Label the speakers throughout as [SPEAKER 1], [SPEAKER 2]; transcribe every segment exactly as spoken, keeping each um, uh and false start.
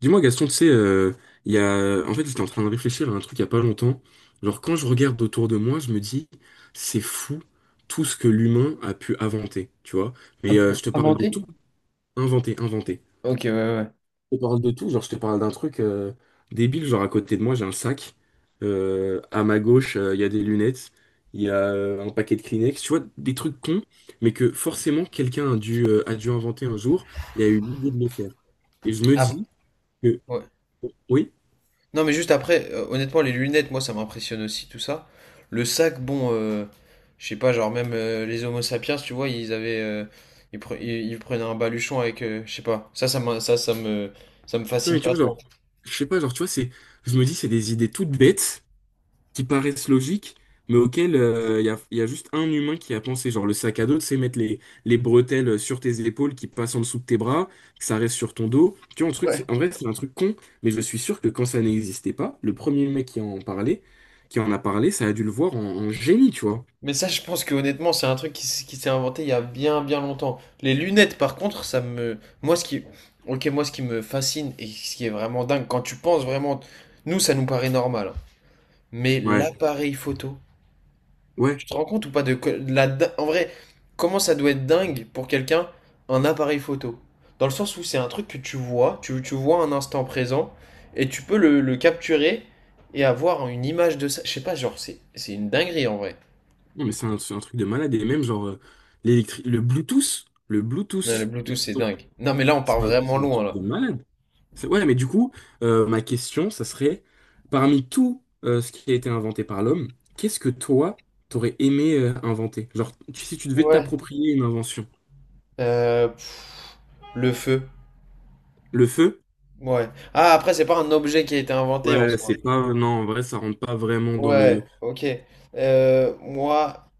[SPEAKER 1] Dis-moi Gaston, tu sais, euh, il y a... en fait j'étais en train de réfléchir à un truc il y a pas longtemps. Genre quand je regarde autour de moi, je me dis, c'est fou tout ce que l'humain a pu inventer, tu vois.
[SPEAKER 2] Ah,
[SPEAKER 1] Mais euh,
[SPEAKER 2] pour
[SPEAKER 1] je te parle de
[SPEAKER 2] inventer?
[SPEAKER 1] tout, inventer, inventer.
[SPEAKER 2] Ok, ouais, ouais, ouais.
[SPEAKER 1] Je te parle de tout, genre je te parle d'un truc euh, débile, genre à côté de moi j'ai un sac. Euh, à ma gauche euh, il y a des lunettes, il y a euh, un paquet de Kleenex, tu vois, des trucs cons, mais que forcément quelqu'un a dû, euh, a dû inventer un jour et a eu l'idée de le faire. Et je me
[SPEAKER 2] Ap-
[SPEAKER 1] dis que...
[SPEAKER 2] ouais.
[SPEAKER 1] Oui?
[SPEAKER 2] Non, mais juste après, euh, honnêtement, les lunettes, moi, ça m'impressionne aussi, tout ça. Le sac, bon, euh, je sais pas, genre même euh, les Homo sapiens, tu vois, ils avaient, euh, ils, pre- ils- ils prenaient un baluchon avec, euh, je sais pas, ça, ça, m'in- ça, ça me, ça me
[SPEAKER 1] Non, mais
[SPEAKER 2] fascine
[SPEAKER 1] tu
[SPEAKER 2] pas
[SPEAKER 1] vois,
[SPEAKER 2] trop.
[SPEAKER 1] genre, je sais pas, genre, tu vois, c'est, je me dis, c'est des idées toutes bêtes qui paraissent logiques, mais auxquelles euh, il y a, y a juste un humain qui a pensé. Genre, le sac à dos, c'est mettre les, les bretelles sur tes épaules qui passent en dessous de tes bras, que ça reste sur ton dos. Tu vois, un truc,
[SPEAKER 2] Ouais.
[SPEAKER 1] c'est- en vrai, c'est un truc con, mais je suis sûr que quand ça n'existait pas, le premier mec qui en parlait, qui en a parlé, ça a dû le voir en, en génie, tu vois.
[SPEAKER 2] Mais ça, je pense que honnêtement, c'est un truc qui, s- qui s'est inventé il y a bien, bien longtemps. Les lunettes, par contre, ça me, moi, ce qui, ok, moi, ce qui me fascine et ce qui est vraiment dingue, quand tu penses vraiment, nous, ça nous paraît normal, hein. Mais
[SPEAKER 1] Ouais,
[SPEAKER 2] l'appareil photo,
[SPEAKER 1] ouais.
[SPEAKER 2] tu te rends compte ou pas de, que- de la di- en vrai, comment ça doit être dingue pour quelqu'un un appareil photo? Dans le sens où c'est un truc que tu vois, tu, tu vois un instant présent et tu peux le, le capturer et avoir une image de ça. Je sais pas, genre c'est c'est une dinguerie en vrai.
[SPEAKER 1] Non, mais c'est un, c'est un truc de malade. Et même, genre, euh, l'électri- le Bluetooth, le
[SPEAKER 2] Non, le
[SPEAKER 1] Bluetooth,
[SPEAKER 2] Bluetooth c'est dingue. Non mais là on part
[SPEAKER 1] c'est un,
[SPEAKER 2] vraiment
[SPEAKER 1] c'est un
[SPEAKER 2] loin
[SPEAKER 1] truc
[SPEAKER 2] là.
[SPEAKER 1] de malade. C'est- Ouais, mais du coup, euh, ma question, ça serait, parmi tout euh, ce qui a été inventé par l'homme, qu'est-ce que toi, t'aurais aimé euh, inventer? Genre, tu- si tu devais
[SPEAKER 2] Ouais.
[SPEAKER 1] t'approprier une invention.
[SPEAKER 2] Euh, pff, le feu.
[SPEAKER 1] Le feu?
[SPEAKER 2] Ouais. Ah après c'est pas un objet qui a été inventé en
[SPEAKER 1] Ouais,
[SPEAKER 2] soi.
[SPEAKER 1] c'est pas... Non, en vrai, ça rentre pas vraiment dans
[SPEAKER 2] Ouais,
[SPEAKER 1] le...
[SPEAKER 2] ok. Euh, moi,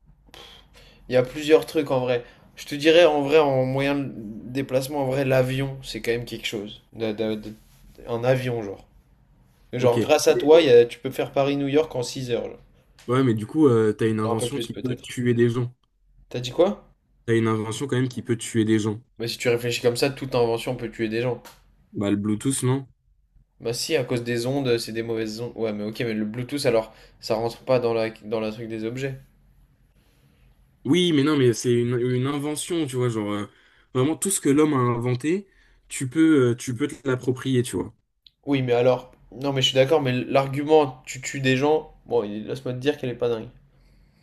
[SPEAKER 2] il y a plusieurs trucs en vrai. Je te dirais en vrai, en moyen de déplacement, en vrai, l'avion, c'est quand même quelque chose. De- de- de- un avion, genre.
[SPEAKER 1] Ok.
[SPEAKER 2] Genre, grâce à toi,
[SPEAKER 1] Mais-
[SPEAKER 2] il y a- tu peux faire Paris-New York en six heures, genre.
[SPEAKER 1] Ouais, mais du coup, euh, t'as une
[SPEAKER 2] Un peu
[SPEAKER 1] invention
[SPEAKER 2] plus,
[SPEAKER 1] qui peut
[SPEAKER 2] peut-être.
[SPEAKER 1] tuer des gens.
[SPEAKER 2] T'as dit quoi?
[SPEAKER 1] T'as une invention quand même qui peut tuer des gens.
[SPEAKER 2] Bah, si tu réfléchis comme ça, toute invention peut tuer des gens.
[SPEAKER 1] Bah, le Bluetooth, non?
[SPEAKER 2] Bah, si, à cause des ondes, c'est des mauvaises ondes. Ouais, mais ok, mais le Bluetooth, alors, ça rentre pas dans la, dans la truc des objets.
[SPEAKER 1] Oui, mais non, mais c'est une, une invention, tu vois, genre... euh, vraiment, tout ce que l'homme a inventé, tu peux, euh, tu peux te l'approprier, tu vois.
[SPEAKER 2] Oui, mais alors. Non, mais je suis d'accord, mais l'argument, tu tues des gens, bon, il- laisse-moi te dire qu'elle est pas dingue.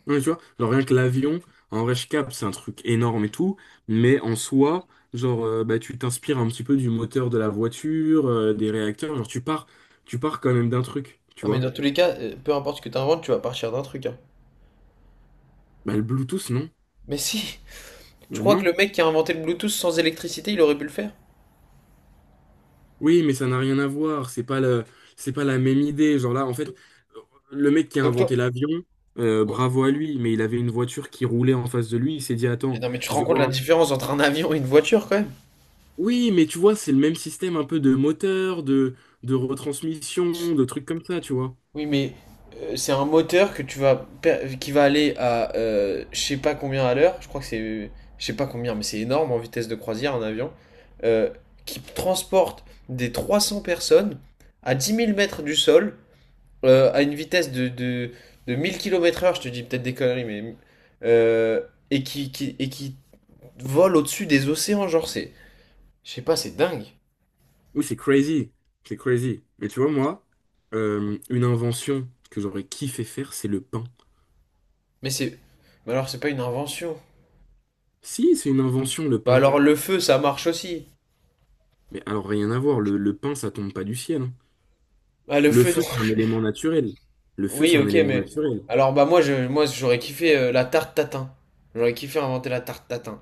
[SPEAKER 1] Ouais, tu vois, genre rien que l'avion, en vrai, je capte, c'est un truc énorme et tout, mais en soi, genre, euh, bah, tu t'inspires un petit peu du moteur de la voiture, euh, des réacteurs, genre, tu pars, tu pars quand même d'un truc, tu
[SPEAKER 2] Ah, mais
[SPEAKER 1] vois.
[SPEAKER 2] dans tous les cas, euh, peu importe ce que tu inventes, tu vas partir d'un truc, hein.
[SPEAKER 1] Bah, le Bluetooth, non.
[SPEAKER 2] Mais si, tu
[SPEAKER 1] Euh,
[SPEAKER 2] crois que
[SPEAKER 1] non.
[SPEAKER 2] le mec qui a inventé le Bluetooth sans électricité, il aurait pu le faire?
[SPEAKER 1] Oui, mais ça n'a rien à voir, c'est pas le, c'est pas la même idée. Genre là, en fait, le mec qui a
[SPEAKER 2] Donc toi...
[SPEAKER 1] inventé l'avion, euh,
[SPEAKER 2] Bon.
[SPEAKER 1] bravo à lui, mais il avait une voiture qui roulait en face de lui, il s'est dit,
[SPEAKER 2] Mais
[SPEAKER 1] attends,
[SPEAKER 2] non, mais tu te
[SPEAKER 1] je
[SPEAKER 2] rends
[SPEAKER 1] vais
[SPEAKER 2] compte de
[SPEAKER 1] voir
[SPEAKER 2] la
[SPEAKER 1] un
[SPEAKER 2] différence entre un avion et une voiture quand même?
[SPEAKER 1] Oui, mais tu vois, c'est le même système un peu de moteur, de, de retransmission, de trucs comme ça, tu vois.
[SPEAKER 2] Oui, mais euh, c'est un moteur que tu vas per- qui va aller à euh, je sais pas combien à l'heure, je crois que c'est euh, je sais pas combien, mais c'est énorme en vitesse de croisière un avion, euh, qui transporte des trois cents personnes à dix mille mètres du sol euh, à une vitesse de, de, de mille kilomètres-heure, je te dis peut-être des conneries, mais euh, et qui, qui- et qui volent au-dessus des océans, genre c'est. Je sais pas, c'est dingue.
[SPEAKER 1] Oui, c'est crazy. C'est crazy. Mais tu vois, moi, euh, une invention que j'aurais kiffé faire, c'est le pain.
[SPEAKER 2] Mais c'est. Mais alors c'est pas une invention.
[SPEAKER 1] Si, c'est une invention, le
[SPEAKER 2] Bah
[SPEAKER 1] pain.
[SPEAKER 2] alors le feu ça marche aussi.
[SPEAKER 1] Mais alors, rien à voir, le, le pain, ça tombe pas du ciel, hein.
[SPEAKER 2] Ah le
[SPEAKER 1] Le
[SPEAKER 2] feu non.
[SPEAKER 1] feu, c'est un élément naturel. Le feu,
[SPEAKER 2] Oui
[SPEAKER 1] c'est un
[SPEAKER 2] ok
[SPEAKER 1] élément
[SPEAKER 2] mais.
[SPEAKER 1] naturel.
[SPEAKER 2] Alors bah moi je moi j'aurais kiffé euh, la tarte tatin. J'aurais kiffé inventer la tarte tatin.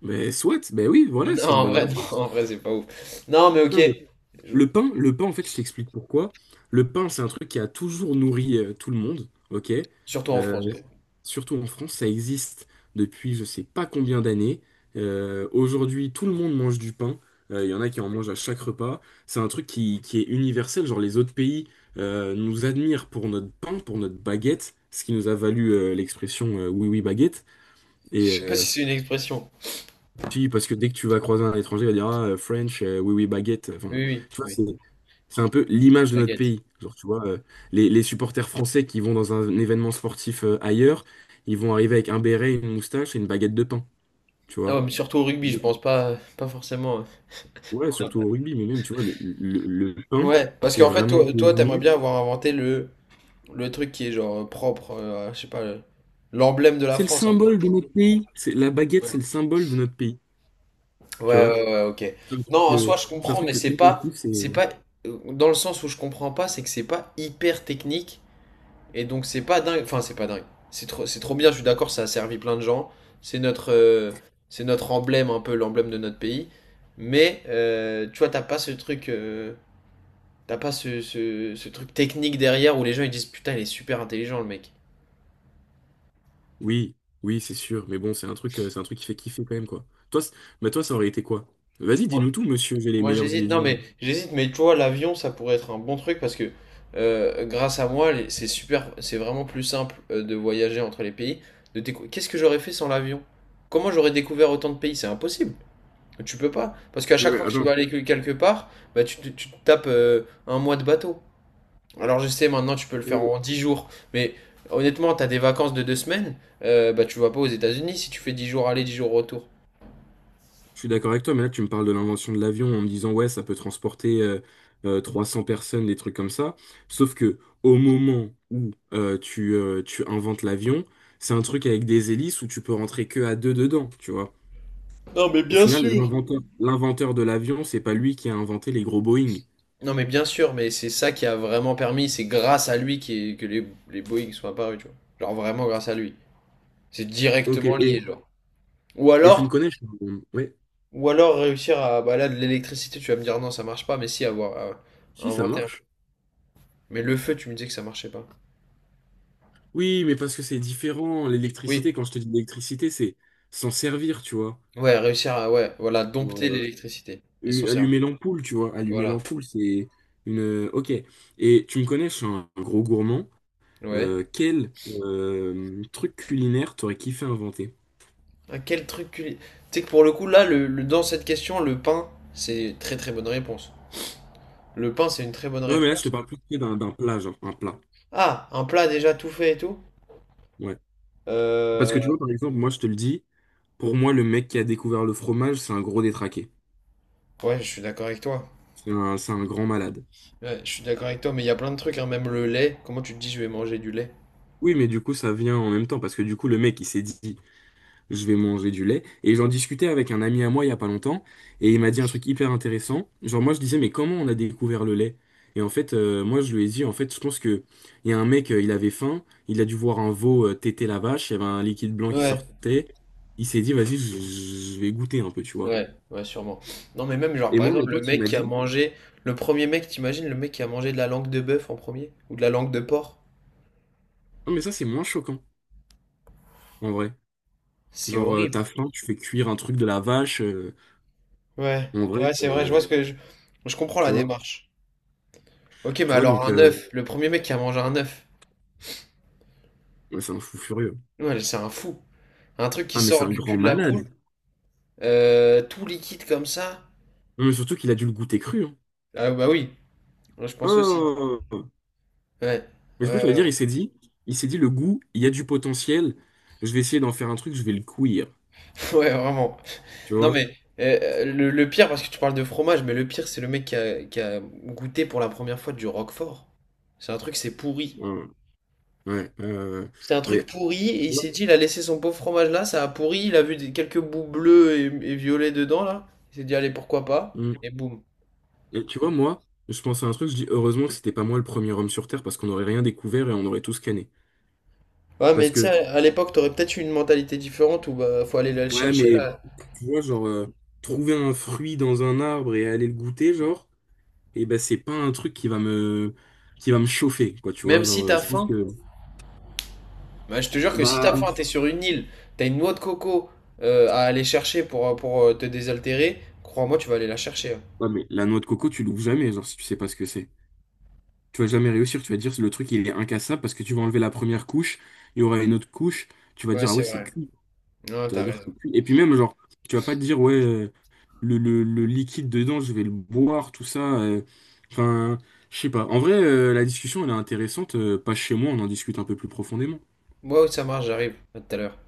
[SPEAKER 1] Mais soit, ben oui, voilà,
[SPEAKER 2] Non
[SPEAKER 1] c'est une
[SPEAKER 2] en
[SPEAKER 1] bonne
[SPEAKER 2] vrai non,
[SPEAKER 1] réponse.
[SPEAKER 2] en vrai c'est pas ouf. Non mais ok.
[SPEAKER 1] Non, mais
[SPEAKER 2] Je-
[SPEAKER 1] le pain, le pain, en fait, je t'explique pourquoi. Le pain, c'est un truc qui a toujours nourri euh, tout le monde, ok?
[SPEAKER 2] Surtout en
[SPEAKER 1] Euh,
[SPEAKER 2] France, ouais.
[SPEAKER 1] surtout en France, ça existe depuis je sais pas combien d'années. Euh, aujourd'hui, tout le monde mange du pain. Euh, Il y en a qui en mangent à chaque repas. C'est un truc qui, qui est universel. Genre, les autres pays euh, nous admirent pour notre pain, pour notre baguette, ce qui nous a valu euh, l'expression euh, oui, oui, baguette. Et,
[SPEAKER 2] Je sais pas si
[SPEAKER 1] euh,
[SPEAKER 2] c'est une expression.
[SPEAKER 1] si, parce que dès que tu vas croiser un étranger, il va dire ah, euh, French, euh, oui, oui, baguette. Enfin,
[SPEAKER 2] Oui oui
[SPEAKER 1] tu vois,
[SPEAKER 2] oui.
[SPEAKER 1] c'est c'est un peu l'image de notre
[SPEAKER 2] Baguette.
[SPEAKER 1] pays. Genre, tu vois, euh, les, les supporters français qui vont dans un, événement sportif euh, ailleurs, ils vont arriver avec un béret, une moustache et une baguette de pain. Tu
[SPEAKER 2] Ah
[SPEAKER 1] vois.
[SPEAKER 2] ouais mais surtout au rugby je pense pas pas forcément.
[SPEAKER 1] Ouais,
[SPEAKER 2] euh.
[SPEAKER 1] surtout au rugby, mais même, tu vois, le, le- le pain,
[SPEAKER 2] Ouais, parce
[SPEAKER 1] c'est
[SPEAKER 2] qu'en fait
[SPEAKER 1] vraiment
[SPEAKER 2] toi toi t'aimerais
[SPEAKER 1] devenu.
[SPEAKER 2] bien avoir inventé le Le truc qui est genre propre, euh, je sais pas, le- l'emblème de la
[SPEAKER 1] C'est le
[SPEAKER 2] France, hein.
[SPEAKER 1] symbole de notre pays. C'est, la baguette,
[SPEAKER 2] Ouais.
[SPEAKER 1] c'est le symbole de notre pays. Tu
[SPEAKER 2] Ouais,
[SPEAKER 1] vois.
[SPEAKER 2] ouais, ouais, ok.
[SPEAKER 1] C'est un truc
[SPEAKER 2] Non, en soi,
[SPEAKER 1] que,
[SPEAKER 2] je
[SPEAKER 1] c'est un
[SPEAKER 2] comprends,
[SPEAKER 1] truc
[SPEAKER 2] mais
[SPEAKER 1] que
[SPEAKER 2] c'est
[SPEAKER 1] tout le monde
[SPEAKER 2] pas,
[SPEAKER 1] kiffe,
[SPEAKER 2] c'est
[SPEAKER 1] c'est.
[SPEAKER 2] pas, euh, dans le sens où je comprends pas, c'est que c'est pas hyper technique, et donc c'est pas dingue, enfin, c'est pas dingue. C'est trop, c'est trop bien, je suis d'accord, ça a servi plein de gens. C'est notre, euh, c'est notre emblème, un peu l'emblème de notre pays. Mais, euh, tu vois, t'as pas ce truc, euh, t'as pas ce, ce, ce truc technique derrière où les gens ils disent, putain, il est super intelligent, le mec.
[SPEAKER 1] Oui, oui, c'est sûr. Mais bon, c'est un truc, euh, c'est un truc qui fait kiffer quand même, quoi. Toi, c- bah toi, ça aurait été quoi? Vas-y, dis-nous tout, monsieur, j'ai les
[SPEAKER 2] Moi
[SPEAKER 1] meilleures idées
[SPEAKER 2] j'hésite,
[SPEAKER 1] du
[SPEAKER 2] non
[SPEAKER 1] monde.
[SPEAKER 2] mais j'hésite, mais tu vois, l'avion ça pourrait être un bon truc parce que euh, grâce à moi, les- c'est super, c'est vraiment plus simple euh, de voyager entre les pays. De décou- Qu'est-ce que j'aurais fait sans l'avion? Comment j'aurais découvert autant de pays? C'est impossible. Tu peux pas. Parce qu'à
[SPEAKER 1] Oui,
[SPEAKER 2] chaque
[SPEAKER 1] mais
[SPEAKER 2] fois que tu vas
[SPEAKER 1] attends,
[SPEAKER 2] aller quelque part, bah, tu, te tu te tapes euh, un mois de bateau. Alors je sais, maintenant tu peux le
[SPEAKER 1] oui,
[SPEAKER 2] faire
[SPEAKER 1] oui.
[SPEAKER 2] en dix jours, mais honnêtement, t'as des vacances de deux semaines, euh, bah, tu vas pas aux États-Unis si tu fais dix jours aller, dix jours retour.
[SPEAKER 1] Je suis d'accord avec toi, mais là, tu me parles de l'invention de l'avion en me disant, ouais, ça peut transporter euh, euh, trois cents personnes, des trucs comme ça. Sauf que au moment où euh, tu, euh, tu inventes l'avion, c'est un truc avec des hélices où tu peux rentrer que à deux dedans, tu vois. Au final, l'inventeur, l'inventeur de l'avion, c'est pas lui qui a inventé les gros Boeing.
[SPEAKER 2] Non, mais bien sûr, mais c'est ça qui a vraiment permis, c'est grâce à lui qui est- que les, les Boeing sont apparus, tu vois. Genre vraiment grâce à lui. C'est
[SPEAKER 1] Ok,
[SPEAKER 2] directement
[SPEAKER 1] et,
[SPEAKER 2] lié, genre. Ou
[SPEAKER 1] et tu me
[SPEAKER 2] alors,
[SPEAKER 1] connais? Je- suis- Ouais,
[SPEAKER 2] ou alors réussir à, bah là, de l'électricité, tu vas me dire non, ça marche pas, mais si, avoir, à- à
[SPEAKER 1] si, ça
[SPEAKER 2] inventer un.
[SPEAKER 1] marche.
[SPEAKER 2] Mais le feu, tu me disais que ça marchait pas.
[SPEAKER 1] Oui, mais parce que c'est différent. L'électricité,
[SPEAKER 2] Oui,
[SPEAKER 1] quand je te dis l'électricité, c'est s'en servir, tu vois.
[SPEAKER 2] ouais, réussir à, ouais, voilà, dompter
[SPEAKER 1] Genre, euh,
[SPEAKER 2] l'électricité et s'en
[SPEAKER 1] u-
[SPEAKER 2] servir.
[SPEAKER 1] allumer l'ampoule, tu vois. Allumer
[SPEAKER 2] Voilà,
[SPEAKER 1] l'ampoule, c'est une... euh, Ok. Et tu me connais, je suis un gros gourmand.
[SPEAKER 2] ouais.
[SPEAKER 1] Euh, quel euh, truc culinaire t'aurais kiffé inventer?
[SPEAKER 2] Ah, quel truc culi- tu sais que pour le coup, là, le, le- dans cette question, le pain, c'est très très bonne réponse. Le pain, c'est une très bonne
[SPEAKER 1] Ouais, mais là, je te
[SPEAKER 2] réponse.
[SPEAKER 1] parle plus d'un d'un plat, genre un plat.
[SPEAKER 2] Ah, un plat déjà tout fait et tout?
[SPEAKER 1] Ouais. Parce que tu
[SPEAKER 2] Euh,
[SPEAKER 1] vois, par exemple, moi, je te le dis, pour moi, le mec qui a découvert le fromage, c'est un gros détraqué.
[SPEAKER 2] Ouais, je suis d'accord avec toi.
[SPEAKER 1] C'est un, c'est un grand malade.
[SPEAKER 2] Ouais, je suis d'accord avec toi, mais il y a plein de trucs, hein, même le lait. Comment tu te dis, je vais manger du lait?
[SPEAKER 1] Oui, mais du coup, ça vient en même temps, parce que du coup, le mec, il s'est dit... Je vais manger du lait. Et j'en discutais avec un ami à moi il y a pas longtemps, et il m'a dit un truc hyper intéressant. Genre moi je disais mais comment on a découvert le lait? Et en fait euh, moi je lui ai dit en fait je pense que il y a un mec euh, il avait faim, il a dû voir un veau euh, téter la vache, il y avait un liquide blanc qui
[SPEAKER 2] Ouais,
[SPEAKER 1] sortait, il s'est dit vas-y je je vais goûter un peu tu vois.
[SPEAKER 2] ouais, ouais, sûrement. Non, mais même, genre,
[SPEAKER 1] Et
[SPEAKER 2] par
[SPEAKER 1] moi mon
[SPEAKER 2] exemple, le
[SPEAKER 1] pote il
[SPEAKER 2] mec
[SPEAKER 1] m'a
[SPEAKER 2] qui a
[SPEAKER 1] dit
[SPEAKER 2] mangé, le premier mec, t'imagines, le mec qui a mangé de la langue de bœuf en premier, ou de la langue de porc?
[SPEAKER 1] non mais ça c'est moins choquant en vrai.
[SPEAKER 2] C'est
[SPEAKER 1] Genre euh,
[SPEAKER 2] horrible.
[SPEAKER 1] t'as faim, tu fais cuire un truc de la vache euh,
[SPEAKER 2] Ouais,
[SPEAKER 1] en vrai
[SPEAKER 2] ouais, c'est vrai, je vois
[SPEAKER 1] euh,
[SPEAKER 2] ce que je... je comprends
[SPEAKER 1] tu
[SPEAKER 2] la
[SPEAKER 1] vois.
[SPEAKER 2] démarche. Ok, mais
[SPEAKER 1] Tu vois
[SPEAKER 2] alors
[SPEAKER 1] donc
[SPEAKER 2] un
[SPEAKER 1] euh,
[SPEAKER 2] œuf, le premier mec qui a mangé un œuf,
[SPEAKER 1] ouais, c'est un fou furieux.
[SPEAKER 2] ouais, c'est un fou. Un truc qui
[SPEAKER 1] Ah mais c'est
[SPEAKER 2] sort
[SPEAKER 1] un
[SPEAKER 2] du
[SPEAKER 1] grand
[SPEAKER 2] cul de la poule,
[SPEAKER 1] malade.
[SPEAKER 2] euh, tout liquide comme ça.
[SPEAKER 1] Mais surtout qu'il a dû le goûter cru, hein.
[SPEAKER 2] Ah bah oui, je pense aussi.
[SPEAKER 1] Oh.
[SPEAKER 2] Ouais,
[SPEAKER 1] Mais
[SPEAKER 2] ouais,
[SPEAKER 1] du coup, ça veut
[SPEAKER 2] ouais,
[SPEAKER 1] dire, il s'est dit, il s'est dit, le goût, il y a du potentiel. Je vais essayer d'en faire un truc, je vais le cuire.
[SPEAKER 2] ouais, Ouais, vraiment.
[SPEAKER 1] Tu
[SPEAKER 2] Non,
[SPEAKER 1] vois?
[SPEAKER 2] mais euh, le, le pire, parce que tu parles de fromage, mais le pire, c'est le mec qui a, qui a goûté pour la première fois du Roquefort. C'est un truc, c'est pourri.
[SPEAKER 1] Hum, Ouais. Ouais. euh,
[SPEAKER 2] C'est un truc
[SPEAKER 1] mais,
[SPEAKER 2] pourri, et
[SPEAKER 1] tu
[SPEAKER 2] il
[SPEAKER 1] vois,
[SPEAKER 2] s'est dit, il a laissé son pauvre fromage là, ça a pourri, il a vu des- quelques bouts bleus et, et violets dedans, là. Il s'est dit, allez, pourquoi pas?
[SPEAKER 1] mm.
[SPEAKER 2] Et boum.
[SPEAKER 1] Et tu vois, moi, je pense à un truc, je dis, heureusement que c'était pas moi le premier homme sur Terre parce qu'on n'aurait rien découvert et on aurait tout scanné.
[SPEAKER 2] Ouais, mais
[SPEAKER 1] Parce
[SPEAKER 2] tu
[SPEAKER 1] que,
[SPEAKER 2] sais, à l'époque, t'aurais peut-être eu une mentalité différente où bah, faut aller le
[SPEAKER 1] ouais,
[SPEAKER 2] chercher
[SPEAKER 1] mais,
[SPEAKER 2] là.
[SPEAKER 1] tu vois, genre, euh, trouver un fruit dans un arbre et aller le goûter, genre, et ben, c'est pas un truc qui va me, qui va me chauffer, quoi, tu vois.
[SPEAKER 2] Même
[SPEAKER 1] Genre,
[SPEAKER 2] si
[SPEAKER 1] euh,
[SPEAKER 2] t'as
[SPEAKER 1] je pense
[SPEAKER 2] faim,
[SPEAKER 1] que.
[SPEAKER 2] Bah, je te jure que si t'as
[SPEAKER 1] Bah,
[SPEAKER 2] faim, t'es sur une île, t'as une noix de coco euh, à aller chercher pour, euh, pour euh, te désaltérer, crois-moi, tu vas aller la chercher, hein.
[SPEAKER 1] ouais, mais la noix de coco, tu l'ouvres jamais, genre, si tu sais pas ce que c'est. Tu vas jamais réussir, tu vas dire, le truc, il est incassable parce que tu vas enlever la première couche, il y aura une autre couche, tu vas
[SPEAKER 2] Ouais,
[SPEAKER 1] dire, ah ouais,
[SPEAKER 2] c'est
[SPEAKER 1] c'est
[SPEAKER 2] vrai.
[SPEAKER 1] cuit.
[SPEAKER 2] Non,
[SPEAKER 1] Tu vas
[SPEAKER 2] t'as
[SPEAKER 1] dire,
[SPEAKER 2] raison.
[SPEAKER 1] c'est cuit. Et puis même, genre, tu vas pas te dire, ouais, euh, le, le- le liquide dedans, je vais le boire, tout ça. euh. Enfin, je sais pas. En vrai, euh, la discussion, elle est intéressante. euh, Pas chez moi, on en discute un peu plus profondément.
[SPEAKER 2] Moi, ça marche, j'arrive. À tout à l'heure.